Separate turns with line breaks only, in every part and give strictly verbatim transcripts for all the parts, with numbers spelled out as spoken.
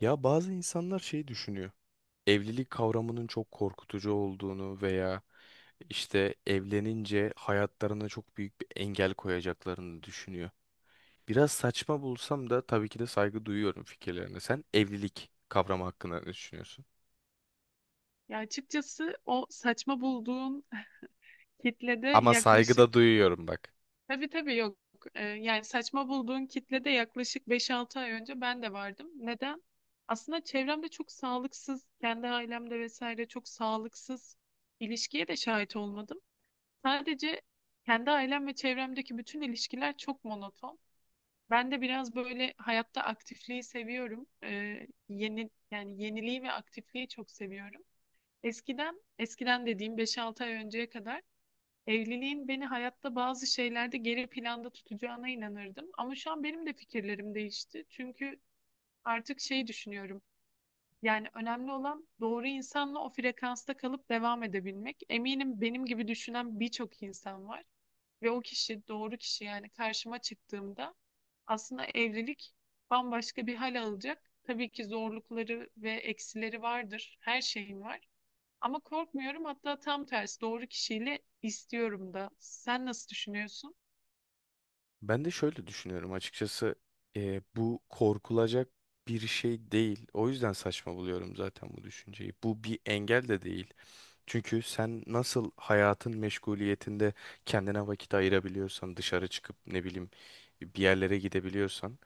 Ya bazı insanlar şey düşünüyor. Evlilik kavramının çok korkutucu olduğunu veya işte evlenince hayatlarına çok büyük bir engel koyacaklarını düşünüyor. Biraz saçma bulsam da tabii ki de saygı duyuyorum fikirlerine. Sen evlilik kavramı hakkında ne düşünüyorsun?
Ya açıkçası o saçma bulduğun kitlede
Ama saygı
yaklaşık
da duyuyorum bak.
tabii tabii yok. Ee, yani saçma bulduğun kitlede yaklaşık beş altı ay önce ben de vardım. Neden? Aslında çevremde çok sağlıksız, kendi ailemde vesaire çok sağlıksız ilişkiye de şahit olmadım. Sadece kendi ailem ve çevremdeki bütün ilişkiler çok monoton. Ben de biraz böyle hayatta aktifliği seviyorum. Ee, yeni yani yeniliği ve aktifliği çok seviyorum. Eskiden, eskiden dediğim beş altı ay önceye kadar evliliğin beni hayatta bazı şeylerde geri planda tutacağına inanırdım. Ama şu an benim de fikirlerim değişti. Çünkü artık şey düşünüyorum. Yani önemli olan doğru insanla o frekansta kalıp devam edebilmek. Eminim benim gibi düşünen birçok insan var. Ve o kişi, doğru kişi yani karşıma çıktığımda aslında evlilik bambaşka bir hal alacak. Tabii ki zorlukları ve eksileri vardır. Her şeyin var. Ama korkmuyorum, hatta tam tersi doğru kişiyle istiyorum da. Sen nasıl düşünüyorsun?
Ben de şöyle düşünüyorum açıkçası, e, bu korkulacak bir şey değil. O yüzden saçma buluyorum zaten bu düşünceyi. Bu bir engel de değil. Çünkü sen nasıl hayatın meşguliyetinde kendine vakit ayırabiliyorsan, dışarı çıkıp ne bileyim bir yerlere gidebiliyorsan,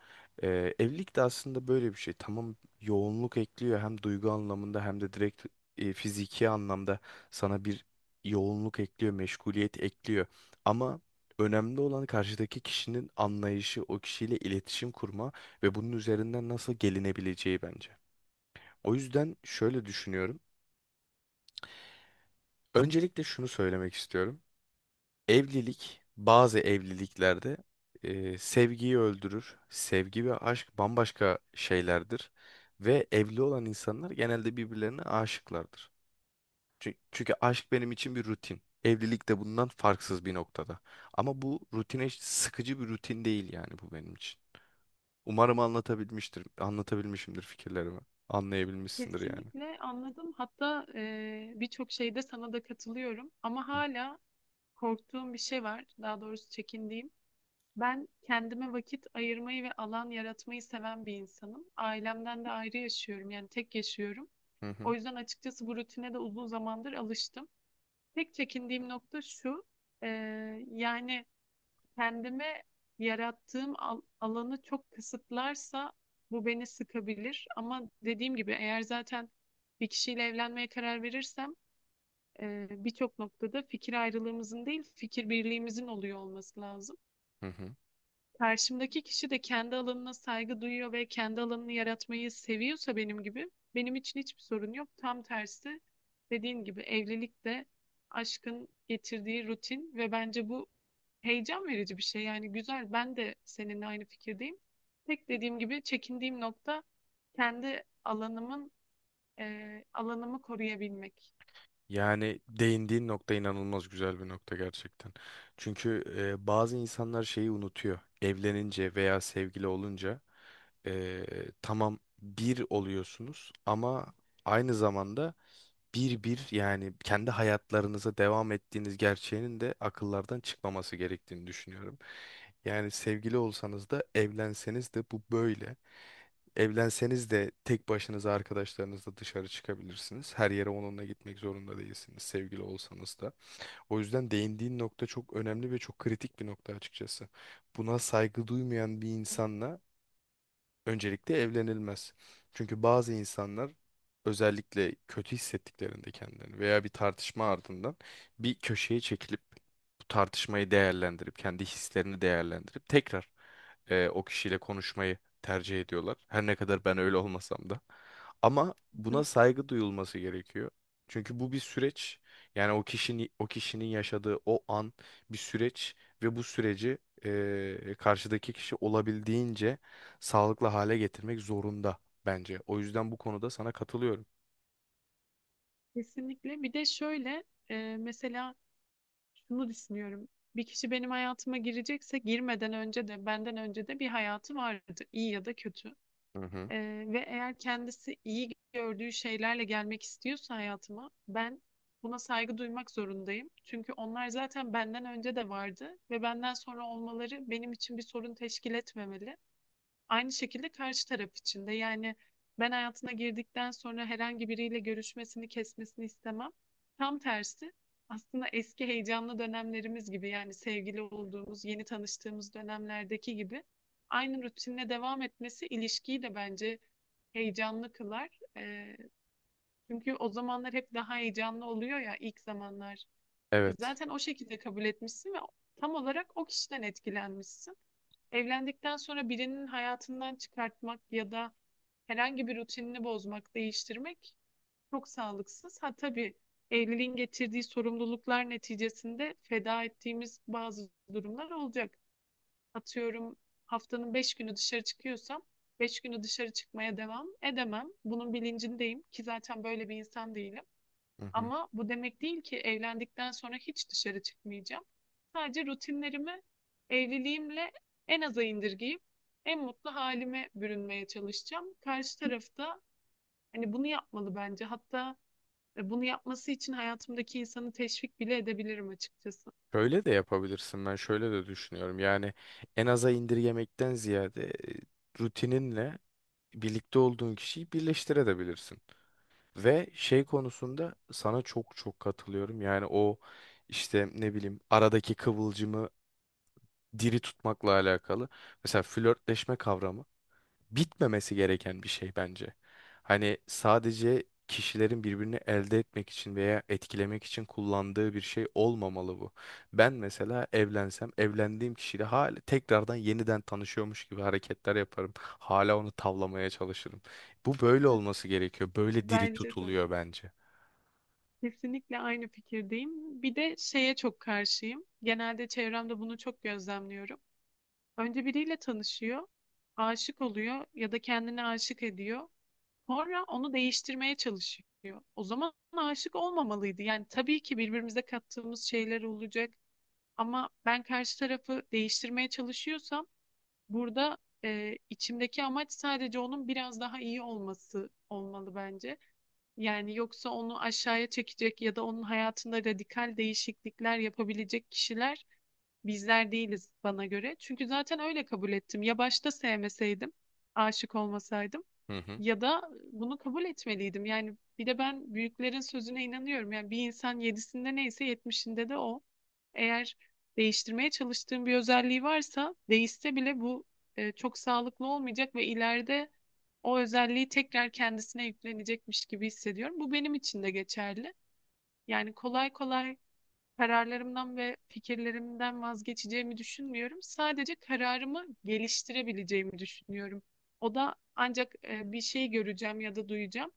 e, evlilik de aslında böyle bir şey. Tamam, yoğunluk ekliyor hem duygu anlamında hem de direkt e, fiziki anlamda sana bir yoğunluk ekliyor, meşguliyet ekliyor. Ama önemli olan karşıdaki kişinin anlayışı, o kişiyle iletişim kurma ve bunun üzerinden nasıl gelinebileceği bence. O yüzden şöyle düşünüyorum. Öncelikle şunu söylemek istiyorum. Evlilik, bazı evliliklerde e, sevgiyi öldürür. Sevgi ve aşk bambaşka şeylerdir. Ve evli olan insanlar genelde birbirlerine aşıklardır. Çünkü, çünkü aşk benim için bir rutin. Evlilik de bundan farksız bir noktada. Ama bu rutine hiç sıkıcı bir rutin değil yani, bu benim için. Umarım anlatabilmiştir, anlatabilmişimdir fikirlerimi. Anlayabilmişsindir yani.
Kesinlikle anladım. Hatta e, birçok şeyde sana da katılıyorum. Ama hala korktuğum bir şey var. Daha doğrusu çekindiğim. Ben kendime vakit ayırmayı ve alan yaratmayı seven bir insanım. Ailemden de ayrı yaşıyorum. Yani tek yaşıyorum.
Hı
O
hı.
yüzden açıkçası bu rutine de uzun zamandır alıştım. Tek çekindiğim nokta şu. e, Yani kendime yarattığım al- alanı çok kısıtlarsa bu beni sıkabilir. Ama dediğim gibi eğer zaten bir kişiyle evlenmeye karar verirsem e, birçok noktada fikir ayrılığımızın değil, fikir birliğimizin oluyor olması lazım.
Hı hı.
Karşımdaki kişi de kendi alanına saygı duyuyor ve kendi alanını yaratmayı seviyorsa benim gibi, benim için hiçbir sorun yok. Tam tersi dediğin gibi evlilik de aşkın getirdiği rutin ve bence bu heyecan verici bir şey. Yani güzel, ben de seninle aynı fikirdeyim. Tek dediğim gibi çekindiğim nokta kendi alanımın e, alanımı koruyabilmek.
Yani değindiğin nokta inanılmaz güzel bir nokta gerçekten. Çünkü e, bazı insanlar şeyi unutuyor. Evlenince veya sevgili olunca, e, tamam bir oluyorsunuz ama aynı zamanda bir bir yani kendi hayatlarınıza devam ettiğiniz gerçeğinin de akıllardan çıkmaması gerektiğini düşünüyorum. Yani sevgili olsanız da evlenseniz de bu böyle. Evlenseniz de tek başınıza arkadaşlarınızla dışarı çıkabilirsiniz. Her yere onunla gitmek zorunda değilsiniz, sevgili olsanız da. O yüzden değindiğin nokta çok önemli ve çok kritik bir nokta açıkçası. Buna saygı duymayan bir
Hı
insanla öncelikle evlenilmez. Çünkü bazı insanlar özellikle kötü hissettiklerinde kendilerini veya bir tartışma ardından bir köşeye çekilip bu tartışmayı değerlendirip kendi hislerini değerlendirip tekrar e, o kişiyle konuşmayı tercih ediyorlar. Her ne kadar ben öyle olmasam da. Ama
hı.
buna saygı duyulması gerekiyor. Çünkü bu bir süreç. Yani o kişinin o kişinin yaşadığı o an bir süreç ve bu süreci e, karşıdaki kişi olabildiğince sağlıklı hale getirmek zorunda bence. O yüzden bu konuda sana katılıyorum.
Kesinlikle. Bir de şöyle e, mesela şunu düşünüyorum. Bir kişi benim hayatıma girecekse girmeden önce de benden önce de bir hayatı vardı, iyi ya da kötü.
Hı hı.
Ee, ve eğer kendisi iyi gördüğü şeylerle gelmek istiyorsa hayatıma, ben buna saygı duymak zorundayım. Çünkü onlar zaten benden önce de vardı ve benden sonra olmaları benim için bir sorun teşkil etmemeli. Aynı şekilde karşı taraf için de yani ben hayatına girdikten sonra herhangi biriyle görüşmesini, kesmesini istemem. Tam tersi aslında eski heyecanlı dönemlerimiz gibi yani sevgili olduğumuz, yeni tanıştığımız dönemlerdeki gibi aynı rutinle devam etmesi ilişkiyi de bence heyecanlı kılar. Ee, çünkü o zamanlar hep daha heyecanlı oluyor ya, ilk zamanlar. E,
Evet.
zaten o şekilde kabul etmişsin ve tam olarak o kişiden etkilenmişsin. Evlendikten sonra birinin hayatından çıkartmak ya da herhangi bir rutinini bozmak, değiştirmek çok sağlıksız. Ha tabii, evliliğin getirdiği sorumluluklar neticesinde feda ettiğimiz bazı durumlar olacak. Atıyorum haftanın beş günü dışarı çıkıyorsam beş günü dışarı çıkmaya devam edemem. Bunun bilincindeyim ki zaten böyle bir insan değilim.
Hı hı.
Ama bu demek değil ki evlendikten sonra hiç dışarı çıkmayacağım. Sadece rutinlerimi evliliğimle en aza indirgeyip en mutlu halime bürünmeye çalışacağım. Karşı tarafta hani bunu yapmalı bence. Hatta e, bunu yapması için hayatımdaki insanı teşvik bile edebilirim açıkçası.
Şöyle de yapabilirsin. Ben şöyle de düşünüyorum. Yani en aza indirgemekten ziyade e, rutininle birlikte olduğun kişiyi birleştirebilirsin. Ve şey konusunda sana çok çok katılıyorum. Yani o işte ne bileyim aradaki kıvılcımı diri tutmakla alakalı. Mesela flörtleşme kavramı, bitmemesi gereken bir şey bence. Hani sadece kişilerin birbirini elde etmek için veya etkilemek için kullandığı bir şey olmamalı bu. Ben mesela evlensem, evlendiğim kişiyle hala tekrardan yeniden tanışıyormuş gibi hareketler yaparım. Hala onu tavlamaya çalışırım. Bu böyle olması gerekiyor. Böyle diri
Bence de.
tutuluyor bence.
Kesinlikle aynı fikirdeyim. Bir de şeye çok karşıyım. Genelde çevremde bunu çok gözlemliyorum. Önce biriyle tanışıyor, aşık oluyor ya da kendini aşık ediyor. Sonra onu değiştirmeye çalışıyor. O zaman aşık olmamalıydı. Yani tabii ki birbirimize kattığımız şeyler olacak ama ben karşı tarafı değiştirmeye çalışıyorsam burada e, içimdeki amaç sadece onun biraz daha iyi olması olmalı bence. Yani yoksa onu aşağıya çekecek ya da onun hayatında radikal değişiklikler yapabilecek kişiler bizler değiliz, bana göre. Çünkü zaten öyle kabul ettim. Ya başta sevmeseydim, aşık olmasaydım.
Hı hı.
Ya da bunu kabul etmeliydim. Yani bir de ben büyüklerin sözüne inanıyorum. Yani bir insan yedisinde neyse yetmişinde de o. Eğer değiştirmeye çalıştığım bir özelliği varsa, değişse bile bu e, çok sağlıklı olmayacak ve ileride o özelliği tekrar kendisine yüklenecekmiş gibi hissediyorum. Bu benim için de geçerli. Yani kolay kolay kararlarımdan ve fikirlerimden vazgeçeceğimi düşünmüyorum. Sadece kararımı geliştirebileceğimi düşünüyorum. O da ancak e, bir şey göreceğim ya da duyacağım.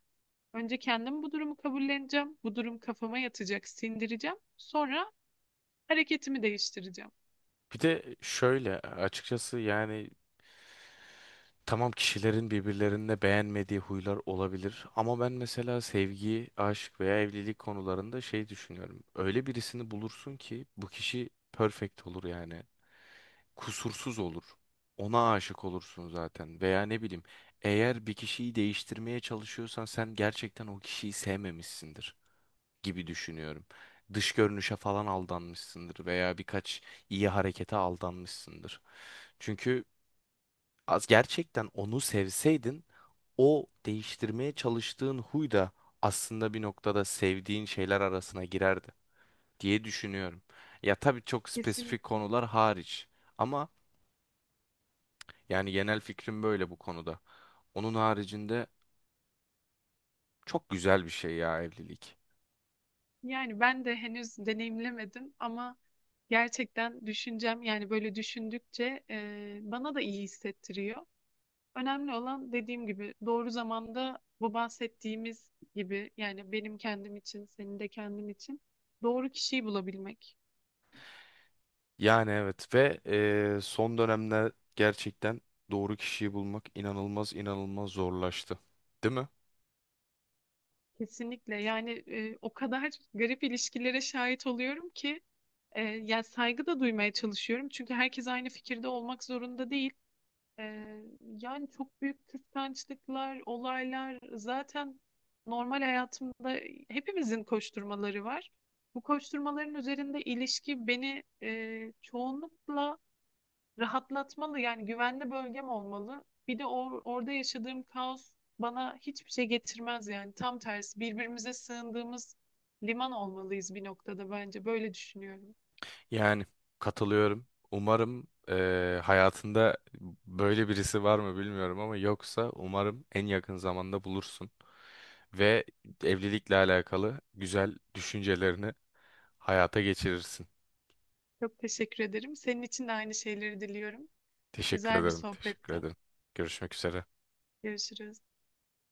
Önce kendim bu durumu kabulleneceğim. Bu durum kafama yatacak, sindireceğim. Sonra hareketimi değiştireceğim.
Bir de şöyle açıkçası, yani tamam kişilerin birbirlerine beğenmediği huylar olabilir ama ben mesela sevgi, aşk veya evlilik konularında şey düşünüyorum. Öyle birisini bulursun ki bu kişi perfect olur yani. Kusursuz olur. Ona aşık olursun zaten veya ne bileyim, eğer bir kişiyi değiştirmeye çalışıyorsan sen gerçekten o kişiyi sevmemişsindir gibi düşünüyorum. Dış görünüşe falan aldanmışsındır veya birkaç iyi harekete aldanmışsındır. Çünkü az gerçekten onu sevseydin, o değiştirmeye çalıştığın huy da aslında bir noktada sevdiğin şeyler arasına girerdi diye düşünüyorum. Ya tabii çok spesifik
Kesinlikle.
konular hariç ama yani genel fikrim böyle bu konuda. Onun haricinde çok güzel bir şey ya evlilik.
Yani ben de henüz deneyimlemedim ama gerçekten düşüncem yani böyle düşündükçe e, bana da iyi hissettiriyor. Önemli olan dediğim gibi doğru zamanda bu bahsettiğimiz gibi yani benim kendim için, senin de kendim için doğru kişiyi bulabilmek.
Yani evet ve eee, son dönemde gerçekten doğru kişiyi bulmak inanılmaz inanılmaz zorlaştı. Değil mi?
Kesinlikle yani e, o kadar garip ilişkilere şahit oluyorum ki e, yani saygı da duymaya çalışıyorum. Çünkü herkes aynı fikirde olmak zorunda değil. Ee, Yani çok büyük kıskançlıklar, olaylar zaten normal hayatımda hepimizin koşturmaları var. Bu koşturmaların üzerinde ilişki beni e, çoğunlukla rahatlatmalı. Yani güvenli bölgem olmalı. Bir de or- orada yaşadığım kaos bana hiçbir şey getirmez yani. Tam tersi birbirimize sığındığımız liman olmalıyız bir noktada bence. Böyle düşünüyorum.
Yani katılıyorum. Umarım eee, hayatında böyle birisi var mı bilmiyorum ama yoksa umarım en yakın zamanda bulursun. Ve evlilikle alakalı güzel düşüncelerini hayata geçirirsin.
Çok teşekkür ederim. Senin için de aynı şeyleri diliyorum.
Teşekkür
Güzel bir
ederim. Teşekkür
sohbette.
ederim. Görüşmek üzere.
Görüşürüz.